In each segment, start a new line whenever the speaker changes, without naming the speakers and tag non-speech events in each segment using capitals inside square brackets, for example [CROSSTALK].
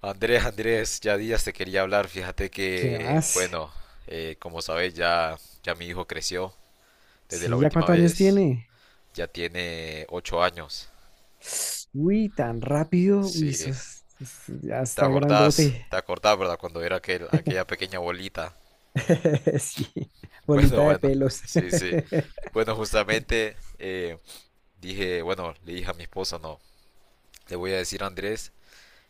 Andrés, Andrés, ya días te quería hablar. Fíjate
¿Qué
que,
más?
bueno, como sabes, ya mi hijo creció desde la
Sí, ¿ya
última
cuántos años
vez.
tiene?
Ya tiene 8 años.
Uy, tan rápido. Uy,
Sí,
ya
¿te
está
acordás?
grandote.
¿Te acordás, verdad? Cuando era aquella
[LAUGHS]
pequeña bolita. [LAUGHS]
Sí,
Bueno,
bolita de
bueno,
pelos.
sí, sí.
[LAUGHS]
Bueno, justamente dije, bueno, le dije a mi esposa, no, le voy a decir a Andrés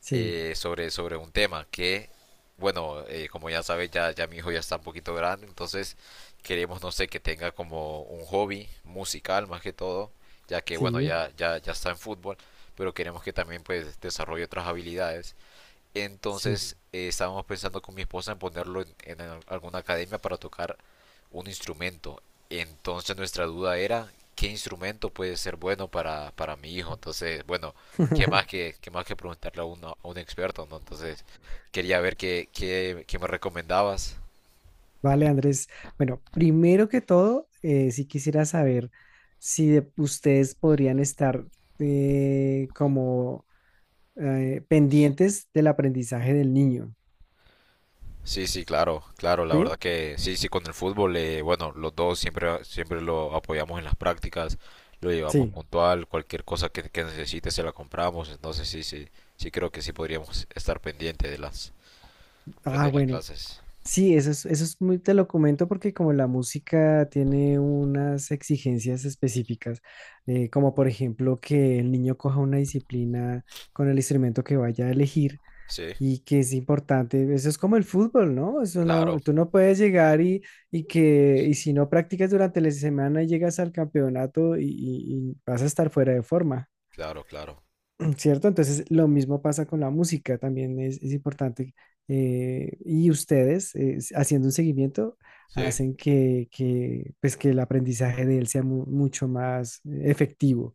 Sí,
sobre un tema que, bueno, como ya sabes, ya mi hijo ya está un poquito grande, entonces queremos, no sé, que tenga como un hobby musical más que todo, ya que, bueno,
sí,
ya está en fútbol, pero queremos que también pues desarrolle otras habilidades
sí.
entonces estábamos pensando con mi esposa en ponerlo en al- alguna academia para tocar un instrumento. Entonces nuestra duda era qué instrumento puede ser bueno para mi hijo. Entonces, bueno,
[LAUGHS]
qué más que preguntarle a, a un experto, ¿no? Entonces quería ver qué me recomendabas.
Vale, Andrés. Bueno, primero que todo, sí quisiera saber si ustedes podrían estar como pendientes del aprendizaje del niño.
Sí, sí, claro, claro, la
¿Sí?
verdad que sí, sí, con el fútbol, bueno, los dos siempre lo apoyamos en las prácticas, lo llevamos
Sí.
puntual, cualquier cosa que necesite se la compramos, entonces sí, sí, sí creo que sí podríamos estar pendiente de las, pues
Ah,
de las
bueno.
clases.
Sí, eso es muy, te lo comento porque como la música tiene unas exigencias específicas, como por ejemplo que el niño coja una disciplina con el instrumento que vaya a elegir
Sí,
y que es importante, eso es como el fútbol, ¿no? Eso
claro,
no, tú no puedes llegar y, y si no practicas durante la semana y llegas al campeonato y, y vas a estar fuera de forma.
claro, claro,
¿Cierto? Entonces, lo mismo pasa con la música, también es importante. Y ustedes, haciendo un seguimiento,
sí,
hacen que, pues, que el aprendizaje de él sea mucho más efectivo.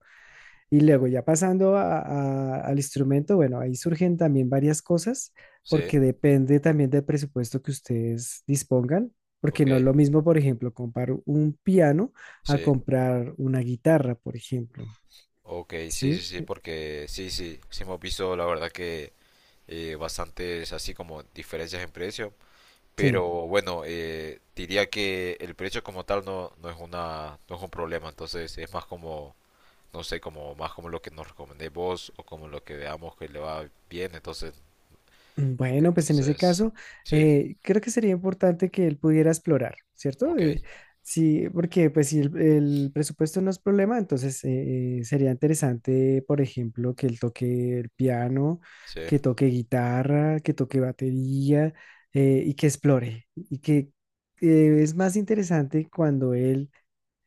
Y luego, ya pasando al instrumento, bueno, ahí surgen también varias cosas,
sí,
porque depende también del presupuesto que ustedes dispongan. Porque
ok,
no es lo mismo, por ejemplo, comprar un piano a
sí,
comprar una guitarra, por ejemplo.
ok, sí, sí,
¿Sí?
sí, porque sí, sí, sí hemos visto la verdad que bastantes así como diferencias en precio. Pero
Sí.
bueno, diría que el precio como tal no, no es un problema, entonces es más como, no sé, como más como lo que nos recomendéis vos o como lo que veamos que le va bien, entonces,
Mm, bueno, pues en ese
entonces,
caso,
sí,
creo que sería importante que él pudiera explorar, ¿cierto?
ok,
Sí, porque pues si el presupuesto no es problema, entonces sería interesante, por ejemplo, que él toque el piano,
sí,
que toque guitarra, que toque batería y que explore. Y que es más interesante cuando él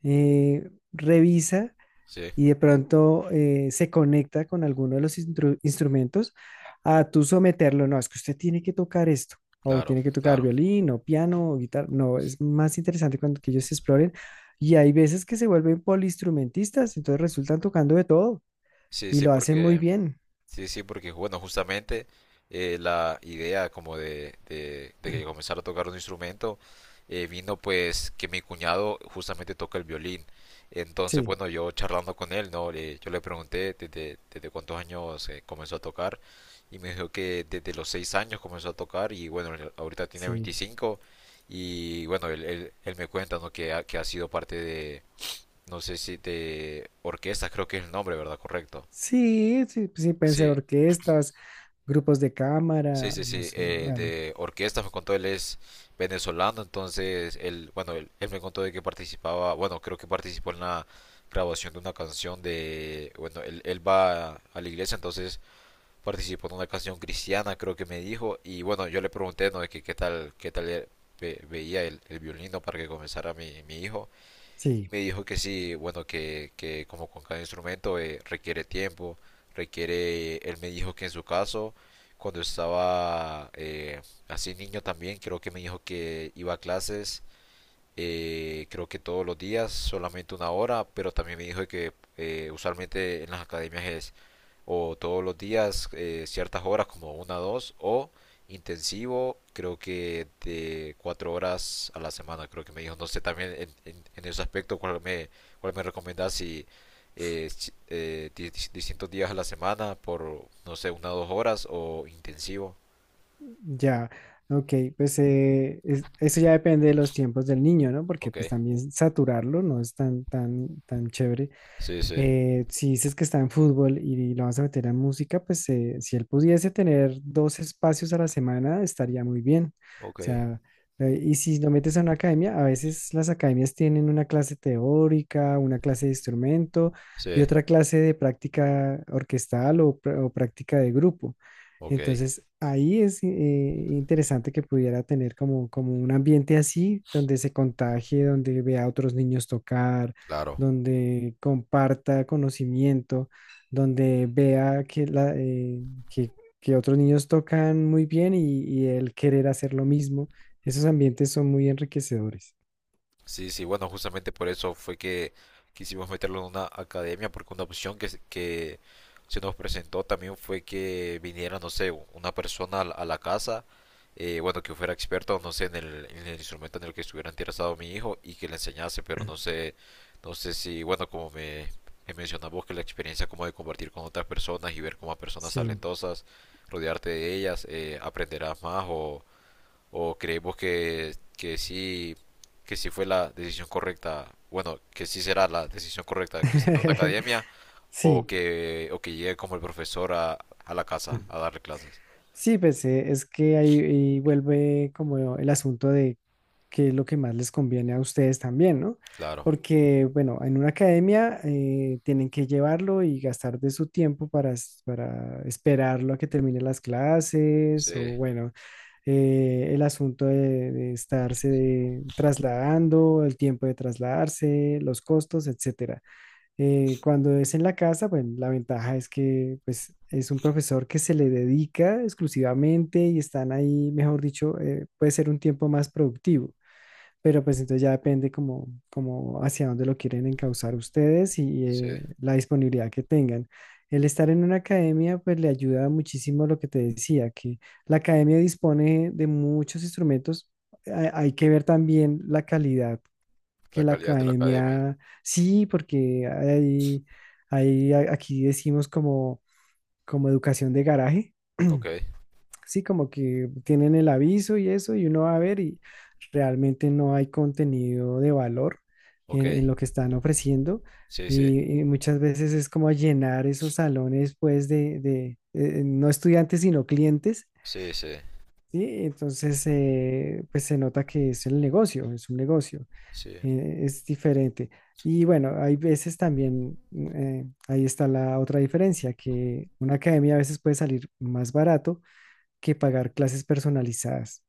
revisa
sí,
y de pronto se conecta con alguno de los instrumentos a tú someterlo. No, es que usted tiene que tocar esto, o
claro,
tiene que tocar
claro.
violín, o piano, o guitarra. No, es más interesante cuando que ellos exploren. Y hay veces que se vuelven poliinstrumentistas, entonces resultan tocando de todo
Sí,
y
sí,
lo hacen muy
porque
bien.
Sí, sí, porque bueno, justamente la idea como de que
[CLEARS THROAT]
comenzara a tocar un instrumento vino pues que mi cuñado justamente toca el violín. Entonces,
Sí,
bueno, yo charlando con él, ¿no? Yo le pregunté desde cuántos años comenzó a tocar y me dijo que desde los 6 años comenzó a tocar y bueno, él ahorita tiene
sí.
25 y bueno, él me cuenta, ¿no? Que ha sido parte de, no sé si de orquestas, creo que es el nombre, ¿verdad? Correcto.
Sí, sí, sí, pueden ser
Sí,
orquestas, grupos de
sí,
cámara,
sí,
no
sí,
sé, bueno,
de orquesta me contó, él es venezolano, entonces él, bueno, él me contó de que participaba, bueno, creo que participó en la grabación de una canción de, bueno, él va a la iglesia, entonces participó en una canción cristiana, creo que me dijo, y bueno, yo le pregunté, ¿no? De que qué tal veía el violino para que comenzara mi hijo, y
sí.
me dijo que sí, bueno, que como con cada instrumento requiere tiempo, requiere, él me dijo que en su caso, cuando estaba así niño también, creo que me dijo que iba a clases, creo que todos los días, solamente 1 hora, pero también me dijo que usualmente en las academias es o todos los días ciertas horas como 1 o 2 o intensivo creo que de 4 horas a la semana creo que me dijo no sé también en ese aspecto cuál me recomendás si, distintos días a la semana por no sé 1 o 2 horas o intensivo
Ya, ok, pues eso ya depende de los tiempos del niño, ¿no? Porque
ok
pues también saturarlo no es tan, tan, tan chévere.
sí sí
Si dices que está en fútbol y lo vas a meter en música, pues si él pudiese tener dos espacios a la semana, estaría muy bien. O
ok
sea, y si lo metes a una academia, a veces las academias tienen una clase teórica, una clase de instrumento y
sí
otra clase de práctica orquestal o práctica de grupo.
ok
Entonces, ahí es interesante que pudiera tener como, como un ambiente así, donde se contagie, donde vea a otros niños tocar,
claro.
donde comparta conocimiento, donde vea que, que otros niños tocan muy bien y él querer hacer lo mismo. Esos ambientes son muy enriquecedores.
Sí, sí, bueno, justamente por eso fue que quisimos meterlo en una academia, porque una opción que se nos presentó también fue que viniera, no sé, una persona a la casa, bueno, que fuera experto, no sé, en el instrumento en el que estuviera interesado mi hijo y que le enseñase, pero no sé, no sé si, bueno, me mencionabas vos, que la experiencia como de compartir con otras personas y ver como a personas
Sí.
talentosas, rodearte de ellas, aprenderás más o ¿O creemos que sí fue la decisión correcta? Bueno, que sí será la decisión correcta que se una
[LAUGHS]
academia
Sí.
o que llegue como el profesor a la casa a darle clases.
Sí, pues es que ahí, ahí vuelve como el asunto de qué es lo que más les conviene a ustedes también, ¿no?
Claro,
Porque, bueno, en una academia tienen que llevarlo y gastar de su tiempo para, para esperarlo a que termine las
sí,
clases o, bueno, el asunto de estarse trasladando, el tiempo de trasladarse, los costos, etcétera. Cuando es en la casa, bueno, la ventaja es que pues, es un profesor que se le dedica exclusivamente y están ahí, mejor dicho, puede ser un tiempo más productivo, pero pues entonces ya depende como, como hacia dónde lo quieren encauzar ustedes y
sí,
la disponibilidad que tengan. El estar en una academia pues le ayuda muchísimo lo que te decía, que la academia dispone de muchos instrumentos. Hay que ver también la calidad que
la
la
calidad de la academia.
academia, sí, porque hay, aquí decimos como, como educación de garaje,
Ok,
sí, como que tienen el aviso y eso, y uno va a ver y realmente no hay contenido de valor
ok,
en lo que están ofreciendo.
sí, sí,
Y muchas veces es como llenar esos salones, pues, no estudiantes, sino clientes,
sí, sí,
¿sí? Entonces, pues se nota que es el negocio, es un negocio
sí,
es diferente. Y bueno, hay veces también, ahí está la otra diferencia, que una academia a veces puede salir más barato que pagar clases personalizadas.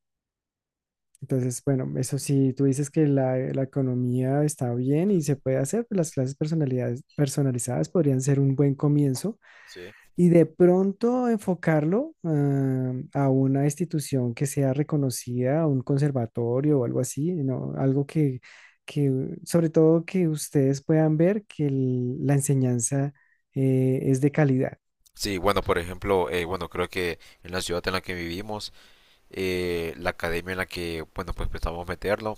Entonces, bueno, eso sí, tú dices que la economía está bien y se puede hacer, pues las clases personalizadas podrían ser un buen comienzo
sí.
y de pronto enfocarlo a una institución que sea reconocida, a un conservatorio o algo así, ¿no? Algo que, sobre todo que ustedes puedan ver que la enseñanza es de calidad.
Sí, bueno, por ejemplo, bueno, creo que en la ciudad en la que vivimos, la academia en la que, bueno, pues pensamos meterlo,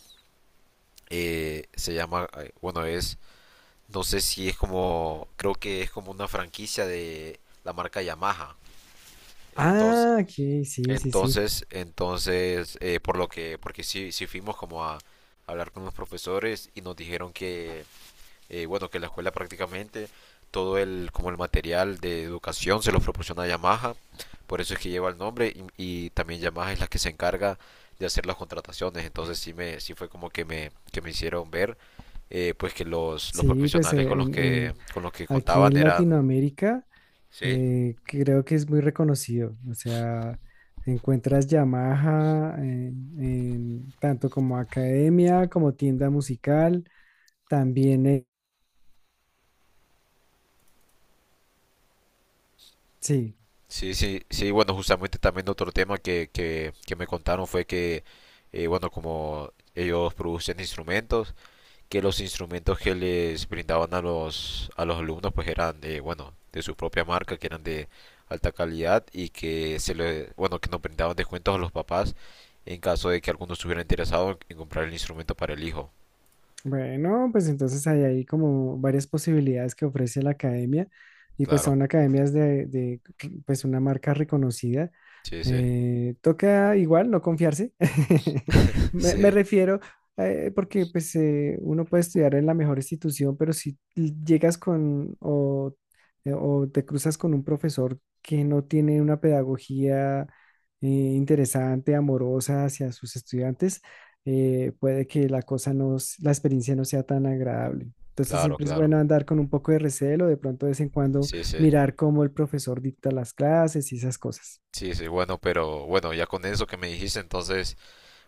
se llama, bueno, es No sé si es como, creo que es como una franquicia de la marca Yamaha. Entonces,
Ah, aquí, sí, sí, sí.
por lo que, porque sí, sí fuimos como a hablar con los profesores y nos dijeron que, bueno, que la escuela prácticamente todo el, como el material de educación se lo proporciona Yamaha, por eso es que lleva el nombre y también Yamaha es la que se encarga de hacer las contrataciones. Entonces sí fue como que me hicieron ver pues que los
Sí, pues
profesionales
eh,
con los que
aquí
contaban
en
eran...
Latinoamérica
Sí,
que creo que es muy reconocido. O sea, encuentras Yamaha en tanto como academia, como tienda musical. También, sí.
sí, sí, sí, bueno, justamente también otro tema que me contaron fue que, bueno, como ellos producen instrumentos, que los instrumentos que les brindaban a los alumnos pues eran de, bueno, de su propia marca, que eran de alta calidad y que se le, bueno, que nos brindaban descuentos a los papás en caso de que alguno estuviera interesado en comprar el instrumento para el hijo.
Bueno, pues entonces hay ahí como varias posibilidades que ofrece la academia y pues
Claro,
son academias de, pues una marca reconocida.
sí, sí.
Toca igual no confiarse. [LAUGHS]
[LAUGHS]
Me
Sí.
refiero porque pues uno puede estudiar en la mejor institución, pero si llegas con o te cruzas con un profesor que no tiene una pedagogía interesante, amorosa hacia sus estudiantes, puede que la cosa la experiencia no sea tan agradable. Entonces
Claro,
siempre es
claro.
bueno andar con un poco de recelo, de pronto de vez en cuando
Sí, sí.
mirar cómo el profesor dicta las clases y esas cosas.
Sí, sí, bueno, pero bueno, ya con eso que me dijiste, entonces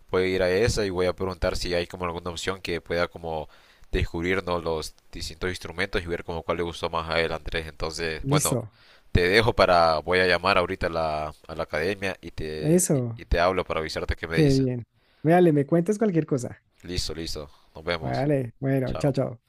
voy a ir a esa y voy a preguntar si hay como alguna opción que pueda como descubrirnos los distintos instrumentos y ver como cuál le gustó más a él, Andrés. Entonces, bueno,
Listo,
te dejo para, voy a llamar ahorita a a la academia y te,
eso,
y te hablo para avisarte qué me
qué
dicen.
bien. Vale, me cuentas cualquier cosa.
Listo, listo. Nos vemos.
Vale, bueno, chao,
Chao.
chao.